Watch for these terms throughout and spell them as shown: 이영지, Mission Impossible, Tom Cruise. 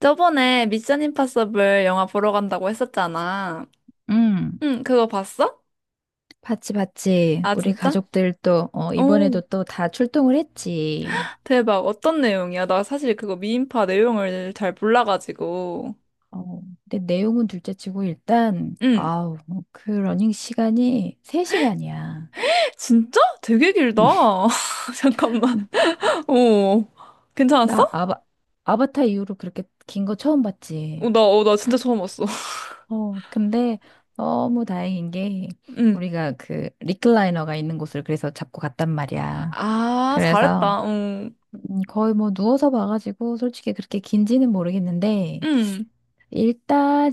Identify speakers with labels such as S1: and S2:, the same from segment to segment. S1: 저번에 미션 임파서블 영화 보러 간다고 했었잖아.
S2: 응,
S1: 응, 그거 봤어?
S2: 봤지, 봤지.
S1: 아,
S2: 우리
S1: 진짜?
S2: 가족들도, 이번에도
S1: 오,
S2: 또 다 출동을 했지.
S1: 대박. 어떤 내용이야? 나 사실 그거 미인파 내용을 잘 몰라가지고.
S2: 어, 근데 내용은 둘째 치고 일단,
S1: 응,
S2: 그 러닝 시간이 3시간이야.
S1: 진짜? 되게 길다. 잠깐만. 오, 괜찮았어?
S2: 나 아바, 아바타 이후로 그렇게 긴 거 처음
S1: 어,
S2: 봤지.
S1: 나, 어, 나 진짜 처음 봤어.
S2: 근데 너무 다행인 게
S1: 응.
S2: 우리가 그 리클라이너가 있는 곳을 그래서 잡고 갔단 말이야.
S1: 아,
S2: 그래서
S1: 잘했다. 어.
S2: 거의 뭐 누워서 봐가지고 솔직히 그렇게 긴지는 모르겠는데
S1: 응,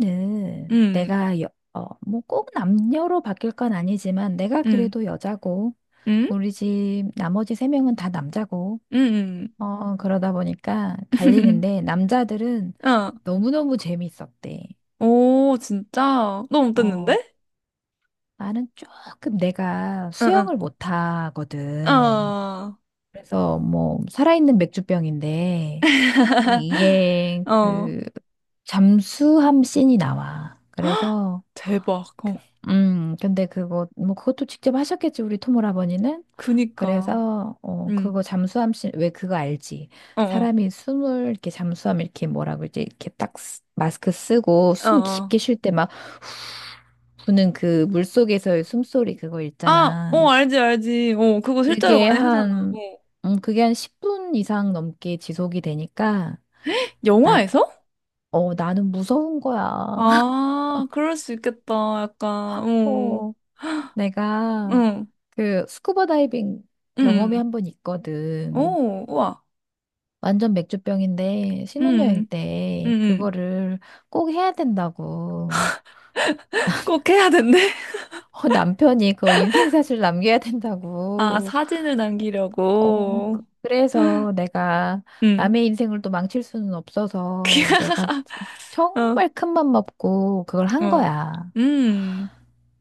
S2: 일단은
S1: 응,
S2: 어, 뭐 꼭 남녀로 바뀔 건 아니지만 내가
S1: 응,
S2: 그래도 여자고
S1: 응,
S2: 우리 집 나머지 세 명은 다 남자고
S1: 응, 응,
S2: 그러다 보니까
S1: 응.
S2: 갈리는데 남자들은
S1: 어,
S2: 너무너무 재밌었대.
S1: 오, 진짜? 너무
S2: 어,
S1: 어땠는데?
S2: 나는 조금 내가
S1: 응, 응.
S2: 수영을 못 하거든.
S1: 어.
S2: 그래서 뭐 살아있는 맥주병인데 이게
S1: 어.
S2: 그 잠수함 씬이 나와. 그래서
S1: 대박. 어.
S2: 근데 그거, 뭐, 그것도 직접 하셨겠지, 우리 토모라버니는.
S1: 그니까.
S2: 그래서,
S1: 응.
S2: 그거 잠수함 씬, 왜 그거 알지?
S1: 어, 어.
S2: 사람이 숨을, 이렇게 잠수함, 이렇게 뭐라고, 이제, 이렇게 딱 마스크 쓰고
S1: 어,
S2: 숨
S1: 어.
S2: 깊게 쉴 때 막 부는 그 물속에서의 숨소리 그거
S1: 아, 어,
S2: 있잖아.
S1: 알지, 알지. 어, 그거 실제로
S2: 그게
S1: 많이 하잖아. 어.
S2: 한, 그게 한 10분 이상 넘게 지속이 되니까, 나,
S1: 영화에서?
S2: 어, 나는 무서운 거야.
S1: 아, 그럴 수 있겠다. 약간, 어.
S2: 어. 내가
S1: 응.
S2: 그 스쿠버 다이빙 경험이
S1: 응.
S2: 한 번 있거든.
S1: 오, 우와.
S2: 완전 맥주병인데 신혼여행
S1: 응. 응.
S2: 때
S1: 응.
S2: 그거를 꼭 해야 된다고.
S1: 꼭 해야 된대.
S2: 어, 남편이 그 인생사실 남겨야
S1: 아,
S2: 된다고.
S1: 사진을 남기려고.
S2: 그래서 내가
S1: 응.
S2: 남의 인생을 또 망칠 수는 없어서 내가
S1: 어,
S2: 정말 큰 맘 먹고 그걸 한
S1: 어.
S2: 거야.
S1: 음.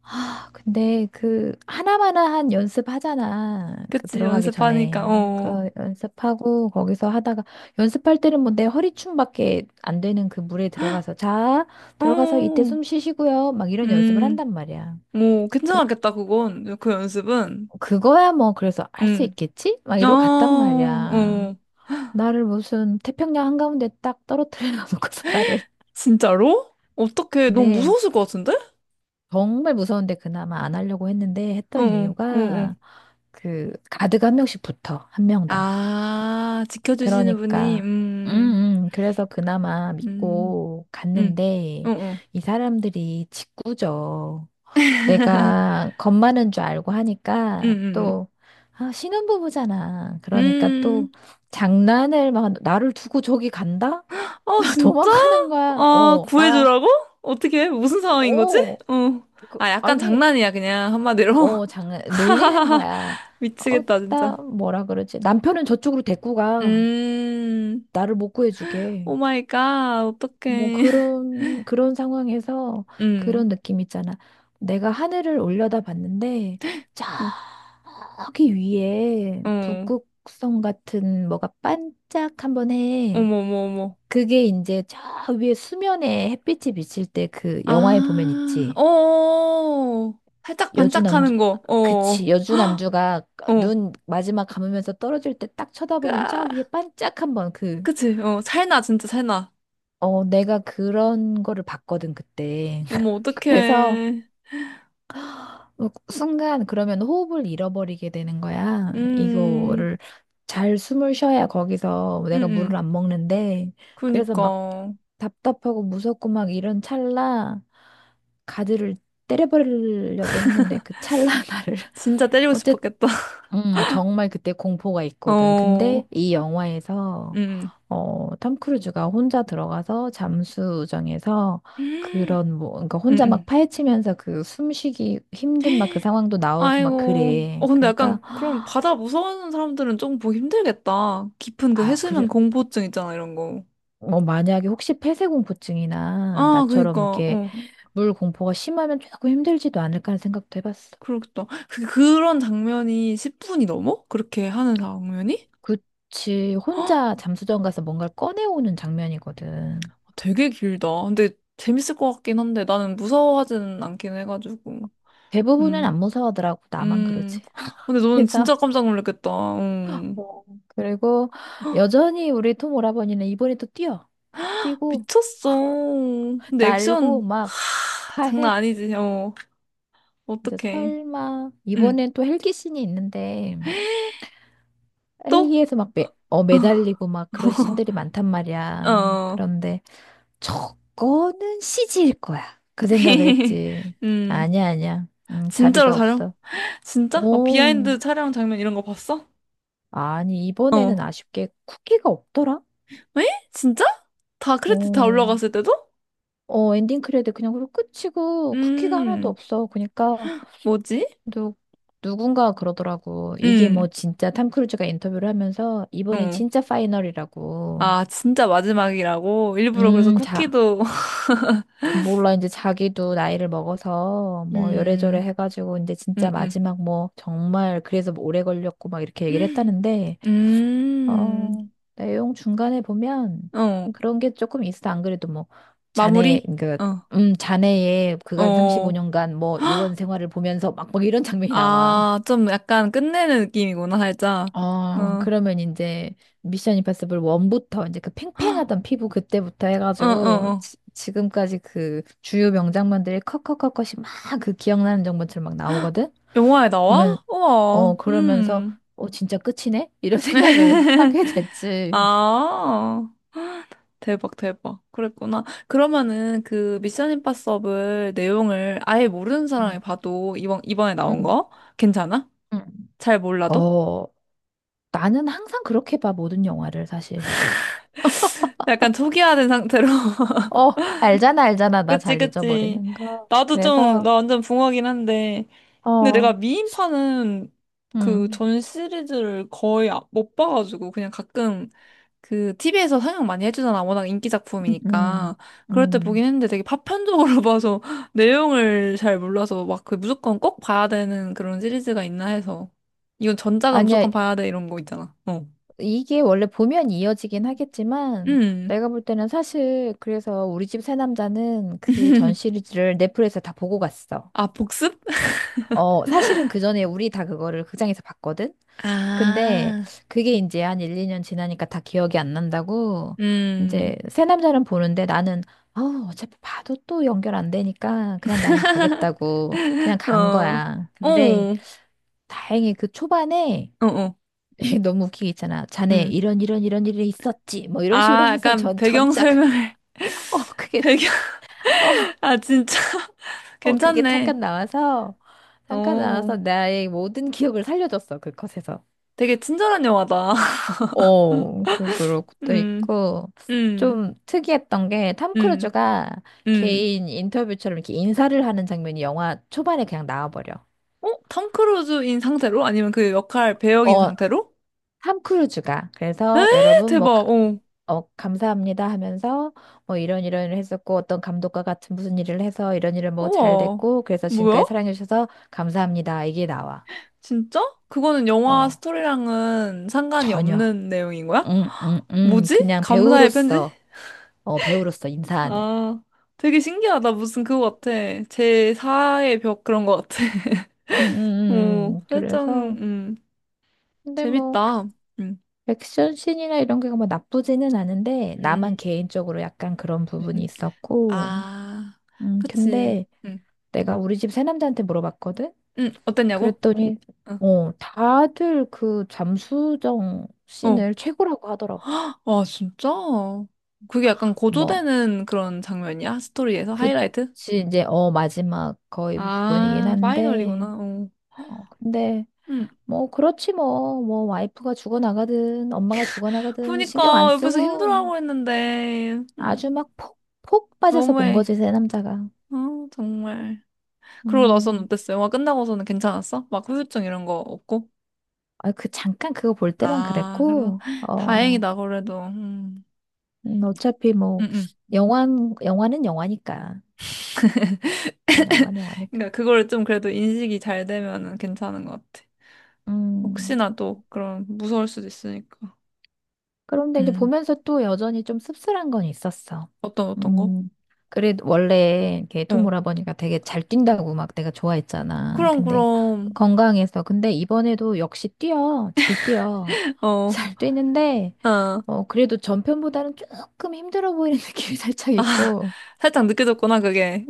S2: 아, 근데 그 하나마나한 연습하잖아. 그
S1: 그치,
S2: 들어가기
S1: 연습하니까,
S2: 전에.
S1: 어.
S2: 그 연습하고 거기서 하다가 연습할 때는 뭐 내 허리춤밖에 안 되는 그 물에 들어가서 들어가서 이때
S1: 어.
S2: 숨 쉬시고요. 막 이런 연습을
S1: 음,
S2: 한단 말이야.
S1: 오,
S2: 그-
S1: 괜찮았겠다, 그건. 그 연습은.
S2: 그거야 뭐 그래서 할 수
S1: 음.
S2: 있겠지? 막
S1: 아,
S2: 이러고 갔단 말이야.
S1: 어.
S2: 나를 무슨 태평양 한가운데 딱 떨어뜨려 놓고서 나를.
S1: 진짜로? 어떻게, 너무
S2: 네.
S1: 무서웠을 것 같은데?
S2: 정말 무서운데 그나마 안 하려고 했는데 했던
S1: 응, 응, 응, 응.
S2: 이유가 그 가드가 한 명씩 붙어. 한 명당.
S1: 아, 지켜주시는 분이,
S2: 그러니까 그래서 그나마
S1: 음,
S2: 믿고
S1: 음,
S2: 갔는데
S1: 응, 응,
S2: 이 사람들이 직구죠. 내가 겁 많은 줄 알고
S1: 응,
S2: 하니까
S1: 응.
S2: 또 아, 신혼부부잖아. 그러니까 또
S1: 음,
S2: 장난을 막 나를 두고 저기 간다?
S1: 아, 진짜?
S2: 도망가는 거야.
S1: 아,
S2: 어, 나
S1: 구해주라고? 어떻게 해? 무슨 상황인 거지?
S2: 어.
S1: 어.
S2: 그,
S1: 아, 약간
S2: 아니
S1: 장난이야, 그냥, 한마디로.
S2: 어, 장난, 놀리는 거야. 어,
S1: 미치겠다,
S2: 나
S1: 진짜.
S2: 뭐라 그러지? 남편은 저쪽으로 데리고 가.
S1: 음,
S2: 나를 못 구해주게.
S1: 오 마이 갓,
S2: 뭐
S1: 어떡해.
S2: 그런, 그런 상황에서
S1: 음,
S2: 그런 느낌 있잖아. 내가 하늘을 올려다 봤는데,
S1: 음,
S2: 저기 위에
S1: 어,
S2: 북극성 같은 뭐가 반짝 한번 해.
S1: 어머, 어머, 어머.
S2: 그게 이제 저 위에 수면에 햇빛이 비칠 때 그
S1: 아,
S2: 영화에 보면 있지.
S1: 어, 어, 어. 살짝
S2: 여주남주
S1: 반짝하는 거, 어,
S2: 그치 여주남주가
S1: 어,
S2: 눈 마지막 감으면서 떨어질 때 딱 쳐다보면 저 위에
S1: 까,
S2: 반짝 한번 그
S1: 그치, 어, 살나, 진짜 살나.
S2: 어 내가 그런 거를 봤거든 그때
S1: 어머,
S2: 그래서
S1: 어떡해.
S2: 뭐 순간 그러면 호흡을 잃어버리게 되는 거야
S1: 음,
S2: 이거를 잘 숨을 쉬어야 거기서
S1: 음,
S2: 내가 물을
S1: 음,
S2: 안 먹는데 그래서 막
S1: 그니까.
S2: 답답하고 무섭고 막 이런 찰나 가드를 때려버리려고 했는데 그 찰나 나를
S1: 진짜 때리고 싶었겠다.
S2: 아, 정말 그때 공포가 있거든.
S1: 어,
S2: 근데 이 영화에서
S1: 음,
S2: 어, 톰 크루즈가 혼자 들어가서 잠수정에서
S1: 음,
S2: 그런 뭐 그러니까 혼자 막
S1: 음.
S2: 파헤치면서 그 숨쉬기 힘든 막 그 상황도 나오고 막
S1: 아이고. 어,
S2: 그래.
S1: 근데
S2: 그러니까
S1: 약간, 그럼 바다 무서워하는 사람들은 조금 보기 힘들겠다. 깊은 그
S2: 아, 그래
S1: 해수면 공포증 있잖아, 이런 거.
S2: 뭐 만약에 혹시 폐쇄공포증이나
S1: 아,
S2: 나처럼
S1: 그니까,
S2: 이렇게
S1: 어.
S2: 물 공포가 심하면 조금 힘들지도 않을까 하는 생각도 해봤어.
S1: 그렇겠다. 그런 장면이 10분이 넘어? 그렇게 하는 장면이?
S2: 그치,
S1: 헉,
S2: 혼자 잠수정 가서 뭔가를 꺼내오는 장면이거든.
S1: 되게 길다. 근데 재밌을 것 같긴 한데, 나는 무서워하지는 않긴 해가지고.
S2: 대부분은
S1: 음,
S2: 안 무서워하더라고. 나만 그러지.
S1: 음. 근데 너는
S2: 그래서
S1: 진짜 깜짝 놀랐겠다. 음.
S2: 뭐 그리고 여전히 우리 톰 오라버니는 이번에 또 뛰어. 뛰고
S1: 미쳤어. 근데 액션,
S2: 날고 막
S1: 아,
S2: 다
S1: 장난
S2: 해.
S1: 아니지. 어,
S2: 이제
S1: 어떡해.
S2: 설마
S1: 응.
S2: 이번엔 또 헬기 씬이 있는데
S1: 또?
S2: 헬기에서 막 매달리고 막 그런 씬들이 많단 말이야.
S1: 어.
S2: 그런데 저거는 CG일 거야. 그 생각을 했지.
S1: 음.
S2: 아니야, 아니야.
S1: 진짜로
S2: 자비가
S1: 촬영?
S2: 없어.
S1: 진짜? 막
S2: 오,
S1: 비하인드 촬영 장면 이런 거 봤어?
S2: 아니 이번에는
S1: 어.
S2: 아쉽게 쿠키가 없더라.
S1: 왜? 진짜? 다 크레딧 다
S2: 오.
S1: 올라갔을 때도?
S2: 어, 엔딩 크레딧 그냥 그리고 끝이고 쿠키가 하나도
S1: 음.
S2: 없어. 그러니까
S1: 뭐지?
S2: 누, 누군가 그러더라고. 이게 뭐
S1: 음.
S2: 진짜 탐 크루즈가 인터뷰를 하면서 이번에
S1: 어.
S2: 진짜 파이널이라고.
S1: 아, 진짜 마지막이라고? 일부러 그래서
S2: 자.
S1: 쿠키도
S2: 몰라, 이제 자기도 나이를 먹어서, 뭐, 요래저래
S1: 음.
S2: 해가지고, 이제 진짜
S1: 음. 음.
S2: 마지막 뭐, 정말, 그래서 뭐 오래 걸렸고, 막 이렇게 얘기를 했다는데, 어,
S1: 음.
S2: 내용 중간에 보면
S1: 어.
S2: 그런 게 조금 있어. 안 그래도 뭐 자네
S1: 마무리?
S2: 그
S1: 어.
S2: 자네의 그간
S1: 어.
S2: 35년간 뭐 요원 생활을 보면서 막 막 이런 장면이 나와.
S1: 아, 좀 약간 끝내는 느낌이구나, 살짝. 어.
S2: 어,
S1: 어,
S2: 그러면 이제 미션 임파서블 1부터 이제 그 팽팽하던 피부 그때부터
S1: 어,
S2: 해가지고
S1: 어.
S2: 지금까지 그 주요 명장면들이 컷컷컷컷이 막 그 기억나는 장면처럼 막 나오거든?
S1: 영화에
S2: 보면
S1: 나와? 우와,
S2: 어 그러면서
S1: 음.
S2: 어 진짜 끝이네? 이런 생각을 하게 됐지.
S1: 아, 대박, 대박. 그랬구나. 그러면은 그 미션 임파서블 내용을 아예 모르는
S2: 응
S1: 사람이 봐도 이번에 나온
S2: 음,
S1: 거? 괜찮아?
S2: 음.
S1: 잘 몰라도?
S2: 어, 나는 항상 그렇게 봐, 모든 영화를, 사실.
S1: 약간 초기화된 상태로.
S2: 어, 알잖아, 알잖아. 나
S1: 그치,
S2: 잘
S1: 그치.
S2: 잊어버리는 거.
S1: 나도 좀,
S2: 그래서,
S1: 나 완전 붕어긴 한데. 근데 내가
S2: 어,
S1: 미인파는 그
S2: 음,
S1: 전 시리즈를 거의 못 봐가지고 그냥 가끔 그 TV에서 상영 많이 해주잖아. 워낙 인기
S2: 음, 음.
S1: 작품이니까. 그럴 때
S2: 음.
S1: 보긴 했는데 되게 파편적으로 봐서 내용을 잘 몰라서 막 그 무조건 꼭 봐야 되는 그런 시리즈가 있나 해서. 이건 전작은
S2: 아니야,
S1: 무조건 봐야 돼 이런 거 있잖아. 어.
S2: 이게 원래 보면 이어지긴 하겠지만,
S1: 음.
S2: 내가 볼 때는 사실, 그래서 우리 집 새 남자는 그 전 시리즈를 넷플릭스에 다 보고 갔어.
S1: 아, 복습?
S2: 어, 사실은 그 전에 우리 다 그거를 극장에서 봤거든? 근데
S1: 아.
S2: 그게 이제 한 1, 2년 지나니까 다 기억이 안 난다고
S1: 음.
S2: 이제 새 남자는 보는데 나는 어, 어차피 봐도 또 연결 안 되니까 그냥 나는 가겠다고 그냥 간
S1: 어.
S2: 거야. 근데
S1: 어.
S2: 다행히 그 초반에
S1: 어, 어.
S2: 너무 웃기게 있잖아. 자네
S1: 음.
S2: 이런 이런 이런 일이 있었지. 뭐 이런 식으로
S1: 아,
S2: 하면서
S1: 약간
S2: 전
S1: 배경
S2: 전작
S1: 설명을.
S2: 어 그게
S1: 배경.
S2: 어,
S1: 아, 진짜.
S2: 어 그게
S1: 괜찮네.
S2: 잠깐
S1: 어.
S2: 나와서 나의 모든 기억을 살려줬어. 그 컷에서.
S1: 되게 친절한 영화다.
S2: 어, 그, 그럴 도
S1: 음,
S2: 있고,
S1: 음,
S2: 좀 특이했던 게, 탐
S1: 음,
S2: 크루즈가
S1: 음.
S2: 개인 인터뷰처럼 이렇게 인사를 하는 장면이 영화 초반에 그냥 나와버려.
S1: 어? 톰 크루즈인 상태로? 아니면 그 역할 배역인
S2: 어,
S1: 상태로?
S2: 탐 크루즈가. 그래서
S1: 에,
S2: 여러분, 뭐,
S1: 대박, 어.
S2: 어, 감사합니다 하면서, 뭐, 이런 이런 일을 했었고, 어떤 감독과 같은 무슨 일을 해서 이런 일을 뭐 잘
S1: 우와.
S2: 됐고, 그래서
S1: 뭐야?
S2: 지금까지 사랑해주셔서 감사합니다. 이게 나와.
S1: 진짜? 그거는 영화
S2: 어,
S1: 스토리랑은 상관이
S2: 전혀.
S1: 없는 내용인 거야?
S2: 응, 응, 응.
S1: 뭐지?
S2: 그냥
S1: 감사의 편지?
S2: 배우로서, 어, 배우로서 인사하는.
S1: 아, 되게 신기하다. 무슨 그거 같아. 제4의 벽 그런 거 같아. 어, 살짝,
S2: 그래서 근데 뭐
S1: 재밌다. 음,
S2: 액션 씬이나 이런 게 뭐 나쁘지는 않은데
S1: 음.
S2: 나만 개인적으로 약간 그런 부분이
S1: 음.
S2: 있었고
S1: 아, 그치.
S2: 근데
S1: 음,
S2: 내가 우리 집 새남자한테 물어봤거든
S1: 어땠냐고?
S2: 그랬더니
S1: 응.
S2: 어 다들 그 잠수정
S1: 어.
S2: 씬을 최고라고 하더라고
S1: 아, 진짜? 그게 약간
S2: 뭐
S1: 고조되는 그런 장면이야? 스토리에서 하이라이트?
S2: 그치 이제 어 마지막 거의 부분이긴
S1: 아, 파이널이구나.
S2: 한데
S1: 어.
S2: 어 근데
S1: 음.
S2: 뭐 그렇지 뭐 뭐 와이프가 죽어나가든 엄마가 죽어나가든 신경 안
S1: 그니까 옆에서
S2: 쓰고
S1: 힘들어하고 했는데
S2: 아주
S1: 음,
S2: 막 폭, 폭 빠져서 본
S1: 너무해.
S2: 거지, 새 남자가.
S1: 어, 정말. 그러고 나서는
S2: 음,
S1: 어땠어? 영화 끝나고서는 괜찮았어? 막 후유증 이런 거 없고?
S2: 아, 그 잠깐 그거 볼 때만
S1: 아, 그래서
S2: 그랬고, 어,
S1: 다행이다 그래도. 음.
S2: 어차피
S1: 음,
S2: 뭐,
S1: 음.
S2: 영화, 영화는 영화니까. 영화는 영화니까.
S1: 그러니까 그거를 좀 그래도 인식이 잘 되면은 괜찮은 것 같아.
S2: 음.
S1: 혹시나 또 그런 무서울 수도 있으니까.
S2: 그런데 이제
S1: 음.
S2: 보면서 또 여전히 좀 씁쓸한 건 있었어.
S1: 어떤 어떤 거?
S2: 음, 그래, 원래 이렇게 톰
S1: 어.
S2: 오라버니가 되게 잘 뛴다고 막 내가 좋아했잖아.
S1: 그럼,
S2: 근데
S1: 그럼.
S2: 건강해서. 근데 이번에도 역시 뛰어. 잘 뛰어.
S1: 어,
S2: 잘 뛰는데,
S1: 어.
S2: 어, 그래도 전편보다는 조금 힘들어 보이는 느낌이 살짝
S1: 아,
S2: 있고,
S1: 살짝 느껴졌구나, 그게.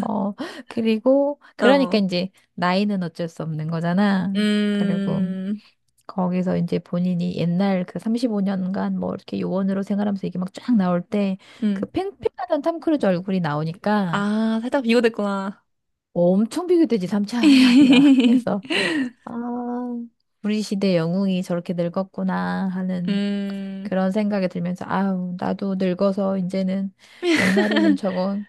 S2: 어, 그리고, 그러니까
S1: 어.
S2: 이제 나이는 어쩔 수 없는 거잖아. 그리고,
S1: 음,
S2: 거기서 이제 본인이 옛날 그 35년간 뭐 이렇게 요원으로 생활하면서 이게 막 쫙 나올 때 그
S1: 음.
S2: 팽팽하던 탐 크루즈 얼굴이 나오니까
S1: 아, 살짝 비교됐구나.
S2: 뭐 엄청 비교되지 삼차원이 아니라 그래서 아 우리 시대 영웅이 저렇게 늙었구나 하는
S1: 음,
S2: 그런 생각이 들면서 아우 나도 늙어서 이제는 옛날에는 저건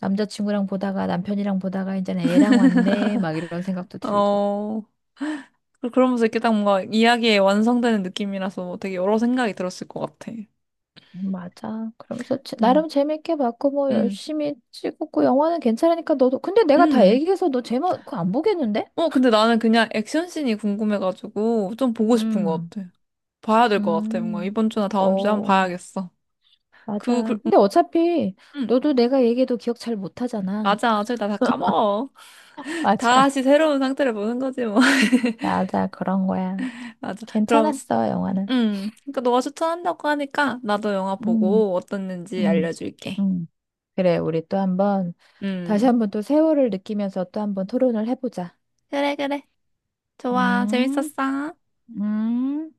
S2: 남자친구랑 보다가 남편이랑 보다가 이제는 애랑 왔네 막 이런 생각도 들고
S1: 어. 그러면서 이렇게 딱 뭔가 이야기에 완성되는 느낌이라서 되게 여러 생각이 들었을 것 같아.
S2: 맞아. 그러면서
S1: 음,
S2: 나름 재밌게 봤고 뭐
S1: 음,
S2: 열심히 찍었고 영화는 괜찮으니까 너도 근데 내가 다
S1: 음.
S2: 얘기해서 너 제목 그거 안 보겠는데?
S1: 어, 근데 나는 그냥 액션씬이 궁금해가지고 좀 보고 싶은 것
S2: 음,
S1: 같아. 봐야 될 것 같아. 뭔가
S2: 음.
S1: 이번 주나 다음 주에 한 번
S2: 어,
S1: 봐야겠어. 그,
S2: 맞아.
S1: 그, 음.
S2: 근데 어차피
S1: 음.
S2: 너도 내가 얘기해도 기억 잘 못하잖아.
S1: 맞아. 어차피 나다 까먹어.
S2: 맞아.
S1: 다시 새로운 상태를 보는 거지 뭐.
S2: 맞아. 그런 거야.
S1: 맞아. 그럼,
S2: 괜찮았어, 영화는.
S1: 그러니까 너가 추천한다고 하니까 나도 영화
S2: 음.
S1: 보고 어땠는지
S2: 음.
S1: 알려줄게.
S2: 음. 그래. 우리 또 한번 다시
S1: 음.
S2: 한번 또 세월을 느끼면서 또 한번 토론을 해보자.
S1: 그래, 그래. 좋아.
S2: 음,
S1: 재밌었어.
S2: 음.